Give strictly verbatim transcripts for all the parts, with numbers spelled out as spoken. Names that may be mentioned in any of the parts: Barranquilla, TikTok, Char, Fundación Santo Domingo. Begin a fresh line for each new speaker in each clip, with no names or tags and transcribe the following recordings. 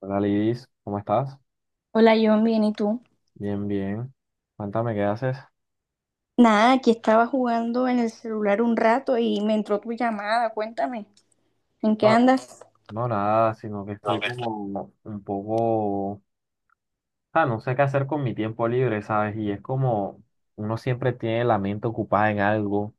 Hola Lidis, ¿cómo estás?
Hola John, bien, ¿y tú?
Bien, bien. Cuéntame, ¿qué haces?
Nada, aquí estaba jugando en el celular un rato y me entró tu llamada. Cuéntame, ¿en qué
No,
andas?
no nada, sino que
No,
estoy
que estoy-
como un poco. Ah, no sé qué hacer con mi tiempo libre, ¿sabes? Y es como uno siempre tiene la mente ocupada en algo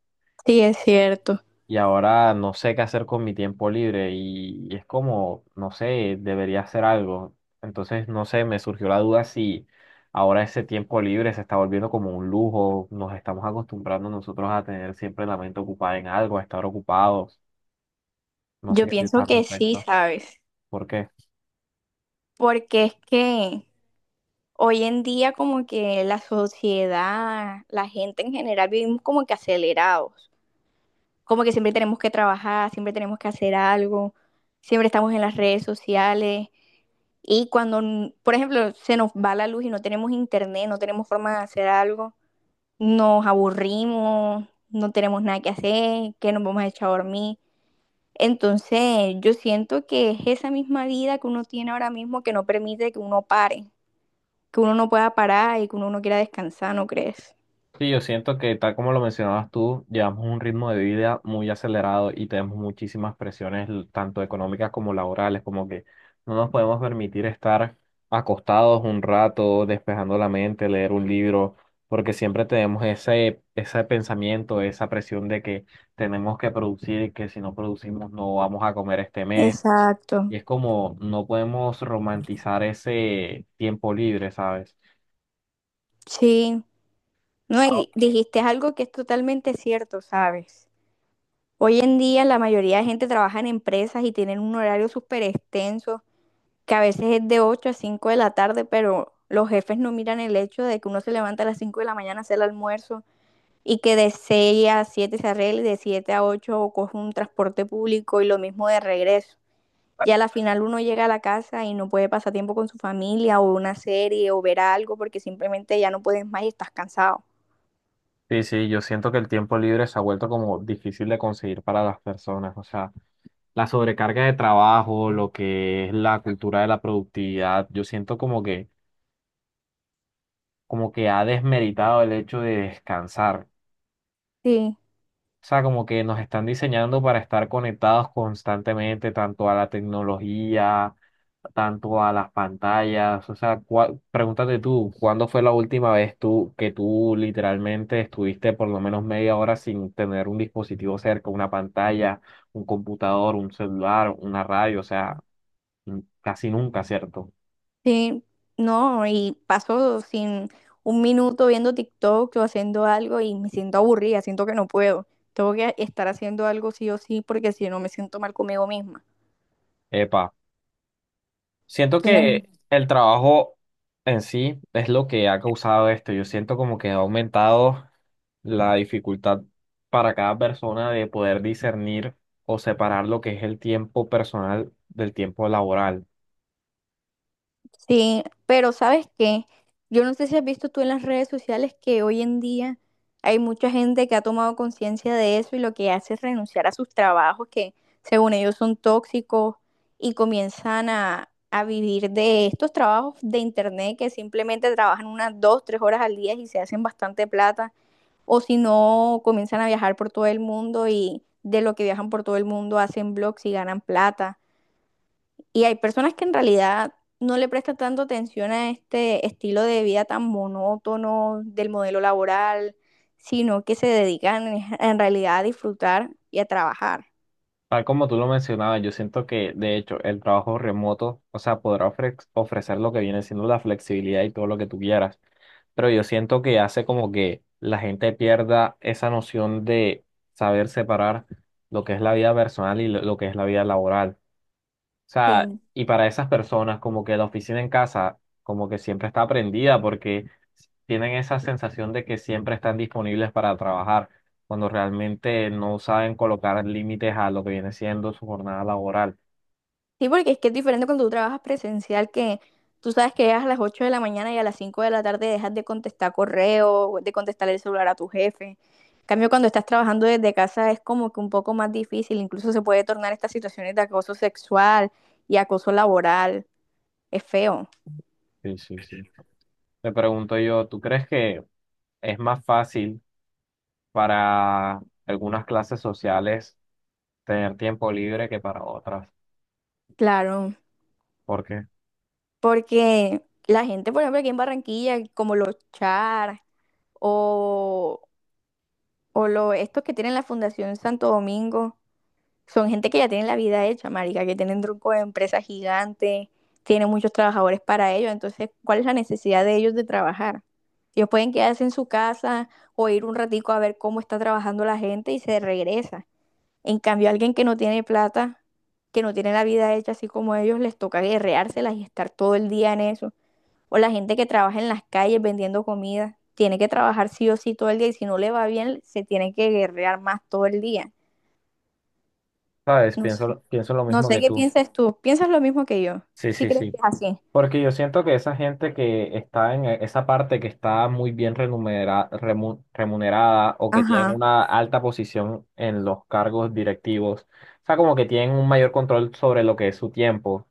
Sí, es cierto.
y ahora no sé qué hacer con mi tiempo libre y, y es como, no sé, debería hacer algo. Entonces, no sé, me surgió la duda si ahora ese tiempo libre se está volviendo como un lujo, nos estamos acostumbrando nosotros a tener siempre la mente ocupada en algo, a estar ocupados. No sé
Yo
qué
pienso
piensas al
que sí,
respecto.
¿sabes?
¿Por qué?
Porque es que hoy en día como que la sociedad, la gente en general vivimos como que acelerados, como que siempre tenemos que trabajar, siempre tenemos que hacer algo, siempre estamos en las redes sociales. Y cuando, por ejemplo, se nos va la luz y no tenemos internet, no tenemos forma de hacer algo, nos aburrimos, no tenemos nada que hacer, que nos vamos a echar a dormir. Entonces, yo siento que es esa misma vida que uno tiene ahora mismo que no permite que uno pare, que uno no pueda parar y que uno no quiera descansar, ¿no crees?
Sí, yo siento que tal como lo mencionabas tú, llevamos un ritmo de vida muy acelerado y tenemos muchísimas presiones, l- tanto económicas como laborales, como que no nos podemos permitir estar acostados un rato, despejando la mente, leer un libro, porque siempre tenemos ese, ese pensamiento, esa presión de que tenemos que producir y que si no producimos no vamos a comer este mes.
Exacto,
Y es como no podemos romantizar ese tiempo libre, ¿sabes?
sí. No, y di- dijiste algo que es totalmente cierto, ¿sabes? Hoy en día la mayoría de gente trabaja en empresas y tienen un horario súper extenso que a veces es de ocho a cinco de la tarde, pero los jefes no miran el hecho de que uno se levanta a las cinco de la mañana a hacer el almuerzo y que de seis a siete se arregle, de siete a ocho coge un transporte público y lo mismo de regreso. Y a la final uno llega a la casa y no puede pasar tiempo con su familia o una serie o ver algo porque simplemente ya no puedes más y estás cansado.
Sí, sí, yo siento que el tiempo libre se ha vuelto como difícil de conseguir para las personas. O sea, la sobrecarga de trabajo, lo que es la cultura de la productividad, yo siento como que, como que ha desmeritado el hecho de descansar.
Sí.
O sea, como que nos están diseñando para estar conectados constantemente, tanto a la tecnología, tanto a las pantallas. O sea, cua- pregúntate tú, ¿cuándo fue la última vez tú que tú literalmente estuviste por lo menos media hora sin tener un dispositivo cerca, una pantalla, un computador, un celular, una radio? O sea, n- casi nunca, ¿cierto?
Sí, no, y paso sin un minuto viendo TikTok o haciendo algo y me siento aburrida, siento que no puedo. Tengo que estar haciendo algo sí o sí porque si no me siento mal conmigo misma.
Epa. Siento
Entonces,
que el trabajo en sí es lo que ha causado esto. Yo siento como que ha aumentado la dificultad para cada persona de poder discernir o separar lo que es el tiempo personal del tiempo laboral.
sí, pero ¿sabes qué? Yo no sé si has visto tú en las redes sociales que hoy en día hay mucha gente que ha tomado conciencia de eso y lo que hace es renunciar a sus trabajos que según ellos son tóxicos y comienzan a, a vivir de estos trabajos de internet que simplemente trabajan unas dos, tres horas al día y se hacen bastante plata, o si no comienzan a viajar por todo el mundo y de lo que viajan por todo el mundo hacen blogs y ganan plata, y hay personas que en realidad no le prestan tanto atención a este estilo de vida tan monótono del modelo laboral, sino que se dedican en, en realidad a disfrutar y a trabajar.
Tal como tú lo mencionabas, yo siento que de hecho el trabajo remoto, o sea, podrá ofrec- ofrecer lo que viene siendo la flexibilidad y todo lo que tú quieras, pero yo siento que hace como que la gente pierda esa noción de saber separar lo que es la vida personal y lo lo que es la vida laboral. O sea,
Sí.
y para esas personas, como que la oficina en casa, como que siempre está prendida porque tienen esa sensación de que siempre están disponibles para trabajar, cuando realmente no saben colocar límites a lo que viene siendo su jornada laboral.
Sí, porque es que es diferente cuando tú trabajas presencial, que tú sabes que llegas a las ocho de la mañana y a las cinco de la tarde dejas de contestar correo, de contestar el celular a tu jefe. En cambio, cuando estás trabajando desde casa es como que un poco más difícil, incluso se puede tornar estas situaciones de acoso sexual y acoso laboral. Es feo.
Sí, sí, sí. Me pregunto yo, ¿tú crees que es más fácil para algunas clases sociales tener tiempo libre que para otras?
Claro,
Porque,
porque la gente, por ejemplo, aquí en Barranquilla, como los Char o, o lo- estos que tienen la Fundación Santo Domingo, son gente que ya tienen la vida hecha, marica, que tienen truco de empresas gigantes, tienen muchos trabajadores para ellos, entonces, ¿cuál es la necesidad de ellos de trabajar? Ellos pueden quedarse en su casa o ir un ratico a ver cómo está trabajando la gente y se regresa. En cambio, alguien que no tiene plata, que no tiene la vida hecha así como ellos, les toca guerreárselas y estar todo el día en eso. O la gente que trabaja en las calles vendiendo comida, tiene que trabajar sí o sí todo el día y si no le va bien, se tiene que guerrear más todo el día.
¿sabes?
No sé,
Pienso, pienso lo
no
mismo
sé
que
qué
tú.
piensas tú. ¿Piensas lo mismo que yo?
Sí,
¿Sí
sí,
crees que
sí.
es así?
Porque yo siento que esa gente que está en e, esa parte que está muy bien remunera- remu- remunerada o que tienen
Ajá,
una alta posición en los cargos directivos, o sea, como que tienen un mayor control sobre lo que es su tiempo,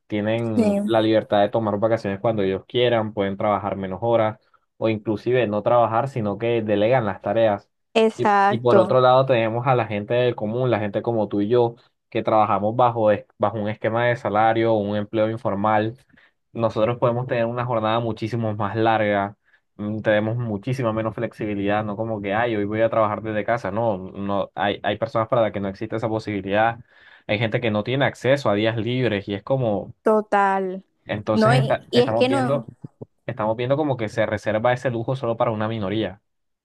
sí.
tienen la libertad de tomar vacaciones cuando ellos quieran, pueden trabajar menos horas o inclusive no trabajar, sino que delegan las tareas. Y, y por
Exacto,
otro lado tenemos a la gente del común, la gente como tú y yo, que trabajamos bajo, es- bajo un esquema de salario, un empleo informal nosotros podemos tener una jornada muchísimo más larga, mm, tenemos muchísima menos flexibilidad, no como que, ay, hoy voy a trabajar desde casa. No, no, hay, hay personas para las que no existe esa posibilidad. Hay gente que no tiene acceso a días libres y es como,
total.
entonces
No,
Ujú.
y,
está-
y es
estamos
que
viendo,
no,
estamos viendo como que se reserva ese lujo solo para una minoría.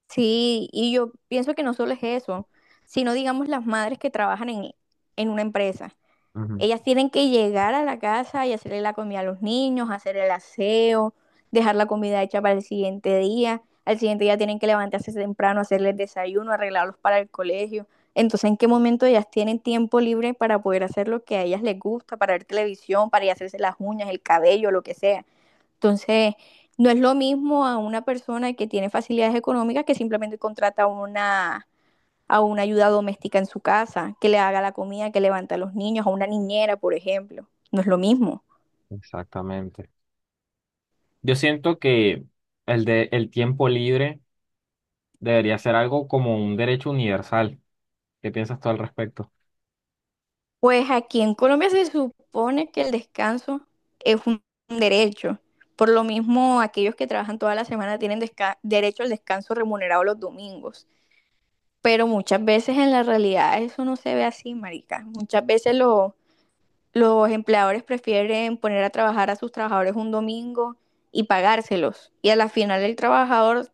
sí, y yo pienso que no solo es eso, sino digamos las madres que trabajan en, en una empresa.
Ujú.
Ellas tienen que llegar a la casa y hacerle la comida a los niños, hacer el aseo, dejar la comida hecha para el siguiente día. Al siguiente día tienen que levantarse temprano, hacerles desayuno, arreglarlos para el colegio. Entonces, ¿en qué momento ellas tienen tiempo libre para poder hacer lo que a ellas les gusta, para ver televisión, para ir a hacerse las uñas, el cabello, lo que sea? Entonces, no es lo mismo a una persona que tiene facilidades económicas que simplemente contrata una a una ayuda doméstica en su casa, que le haga la comida, que levante a los niños, a una niñera, por ejemplo. No es lo mismo.
Exactamente. Yo siento que el de el tiempo libre debería ser algo como un derecho universal. ¿Qué piensas tú al respecto?
Pues aquí en Colombia se supone que el descanso es un derecho. Por lo mismo, aquellos que trabajan toda la semana tienen desca- derecho al descanso remunerado los domingos. Pero muchas veces en la realidad eso no se ve así, marica. Muchas veces los Los empleadores prefieren poner a trabajar a sus trabajadores un domingo y pagárselos. Y a la final el trabajador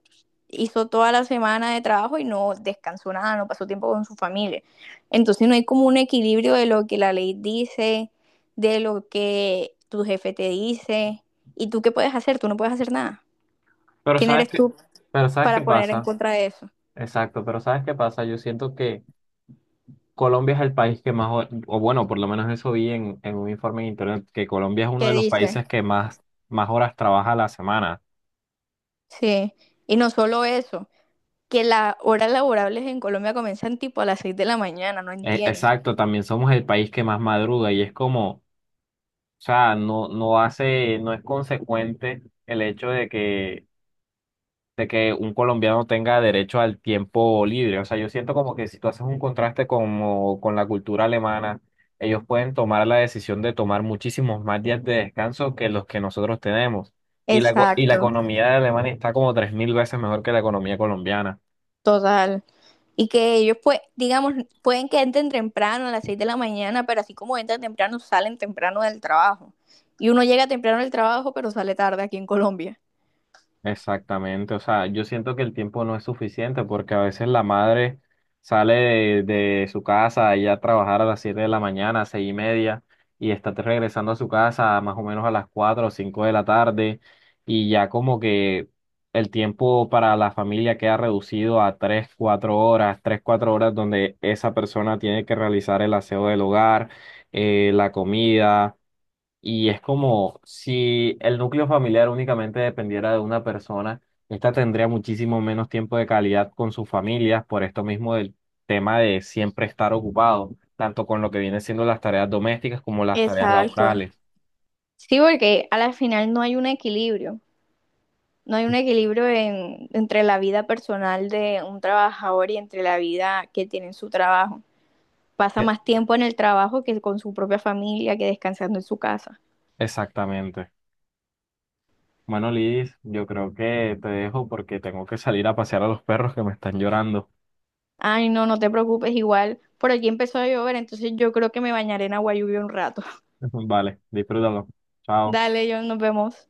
hizo toda la semana de trabajo y no descansó nada, no pasó tiempo con su familia. Entonces no hay como un equilibrio de lo que la ley dice, de lo que tu jefe te dice. ¿Y tú qué puedes hacer? Tú no puedes hacer nada.
Pero
¿Quién
sabes
eres
qué,
tú
pero ¿sabes qué
para poner en
pasa?
contra de eso?
Exacto, pero ¿sabes qué pasa? Yo siento que Colombia es el país que más, o o bueno, por lo menos eso vi en, en un informe en internet, que Colombia es uno
¿Qué
de los
dice?
países que más, más horas trabaja a la semana.
Sí. Y no solo eso. Que las horas laborables en Colombia comienzan tipo a las seis de la mañana, no
E-
entiendo.
exacto, también somos el país que más madruga y es como, o sea, no, no hace, no es consecuente el hecho de que de que un colombiano tenga derecho al tiempo libre. O sea, yo siento como que si tú haces un contraste como con la cultura alemana, ellos pueden tomar la decisión de tomar muchísimos más días de descanso que los que nosotros tenemos. Y la, co y la
Exacto,
economía de Alemania está como tres mil veces mejor que la economía colombiana.
total. Y que ellos, pues, digamos, pueden que entren temprano a las seis de la mañana, pero así como entran temprano, salen temprano del trabajo. Y uno llega temprano del trabajo, pero sale tarde aquí en Colombia.
Exactamente, o sea, yo siento que el tiempo no es suficiente porque a veces la madre sale de, de su casa ya a trabajar a las siete de la mañana, seis y media, y está regresando a su casa más o menos a las cuatro o cinco de la tarde, y ya como que el tiempo para la familia queda reducido a tres cuatro horas, tres cuatro horas donde esa persona tiene que realizar el aseo del hogar, eh, la comida y es como si el núcleo familiar únicamente dependiera de una persona, esta tendría muchísimo menos tiempo de calidad con sus familias por esto mismo del tema de siempre estar ocupado, tanto con lo que viene siendo las tareas domésticas como las tareas
Exacto.
laborales.
Sí, porque a la final no hay un equilibrio. No hay un equilibrio en- entre la vida personal de un trabajador y entre la vida que tiene en su trabajo. Pasa
E-
más tiempo en el trabajo que con su propia familia, que descansando en su casa.
Exactamente. Bueno, Liz, yo creo que te dejo porque tengo que salir a pasear a los perros que me están llorando.
Ay, no, no te preocupes, igual por aquí empezó a llover, entonces yo creo que me bañaré en agua lluvia un rato.
Vale, disfrútalo. Chao.
Dale, John, nos vemos.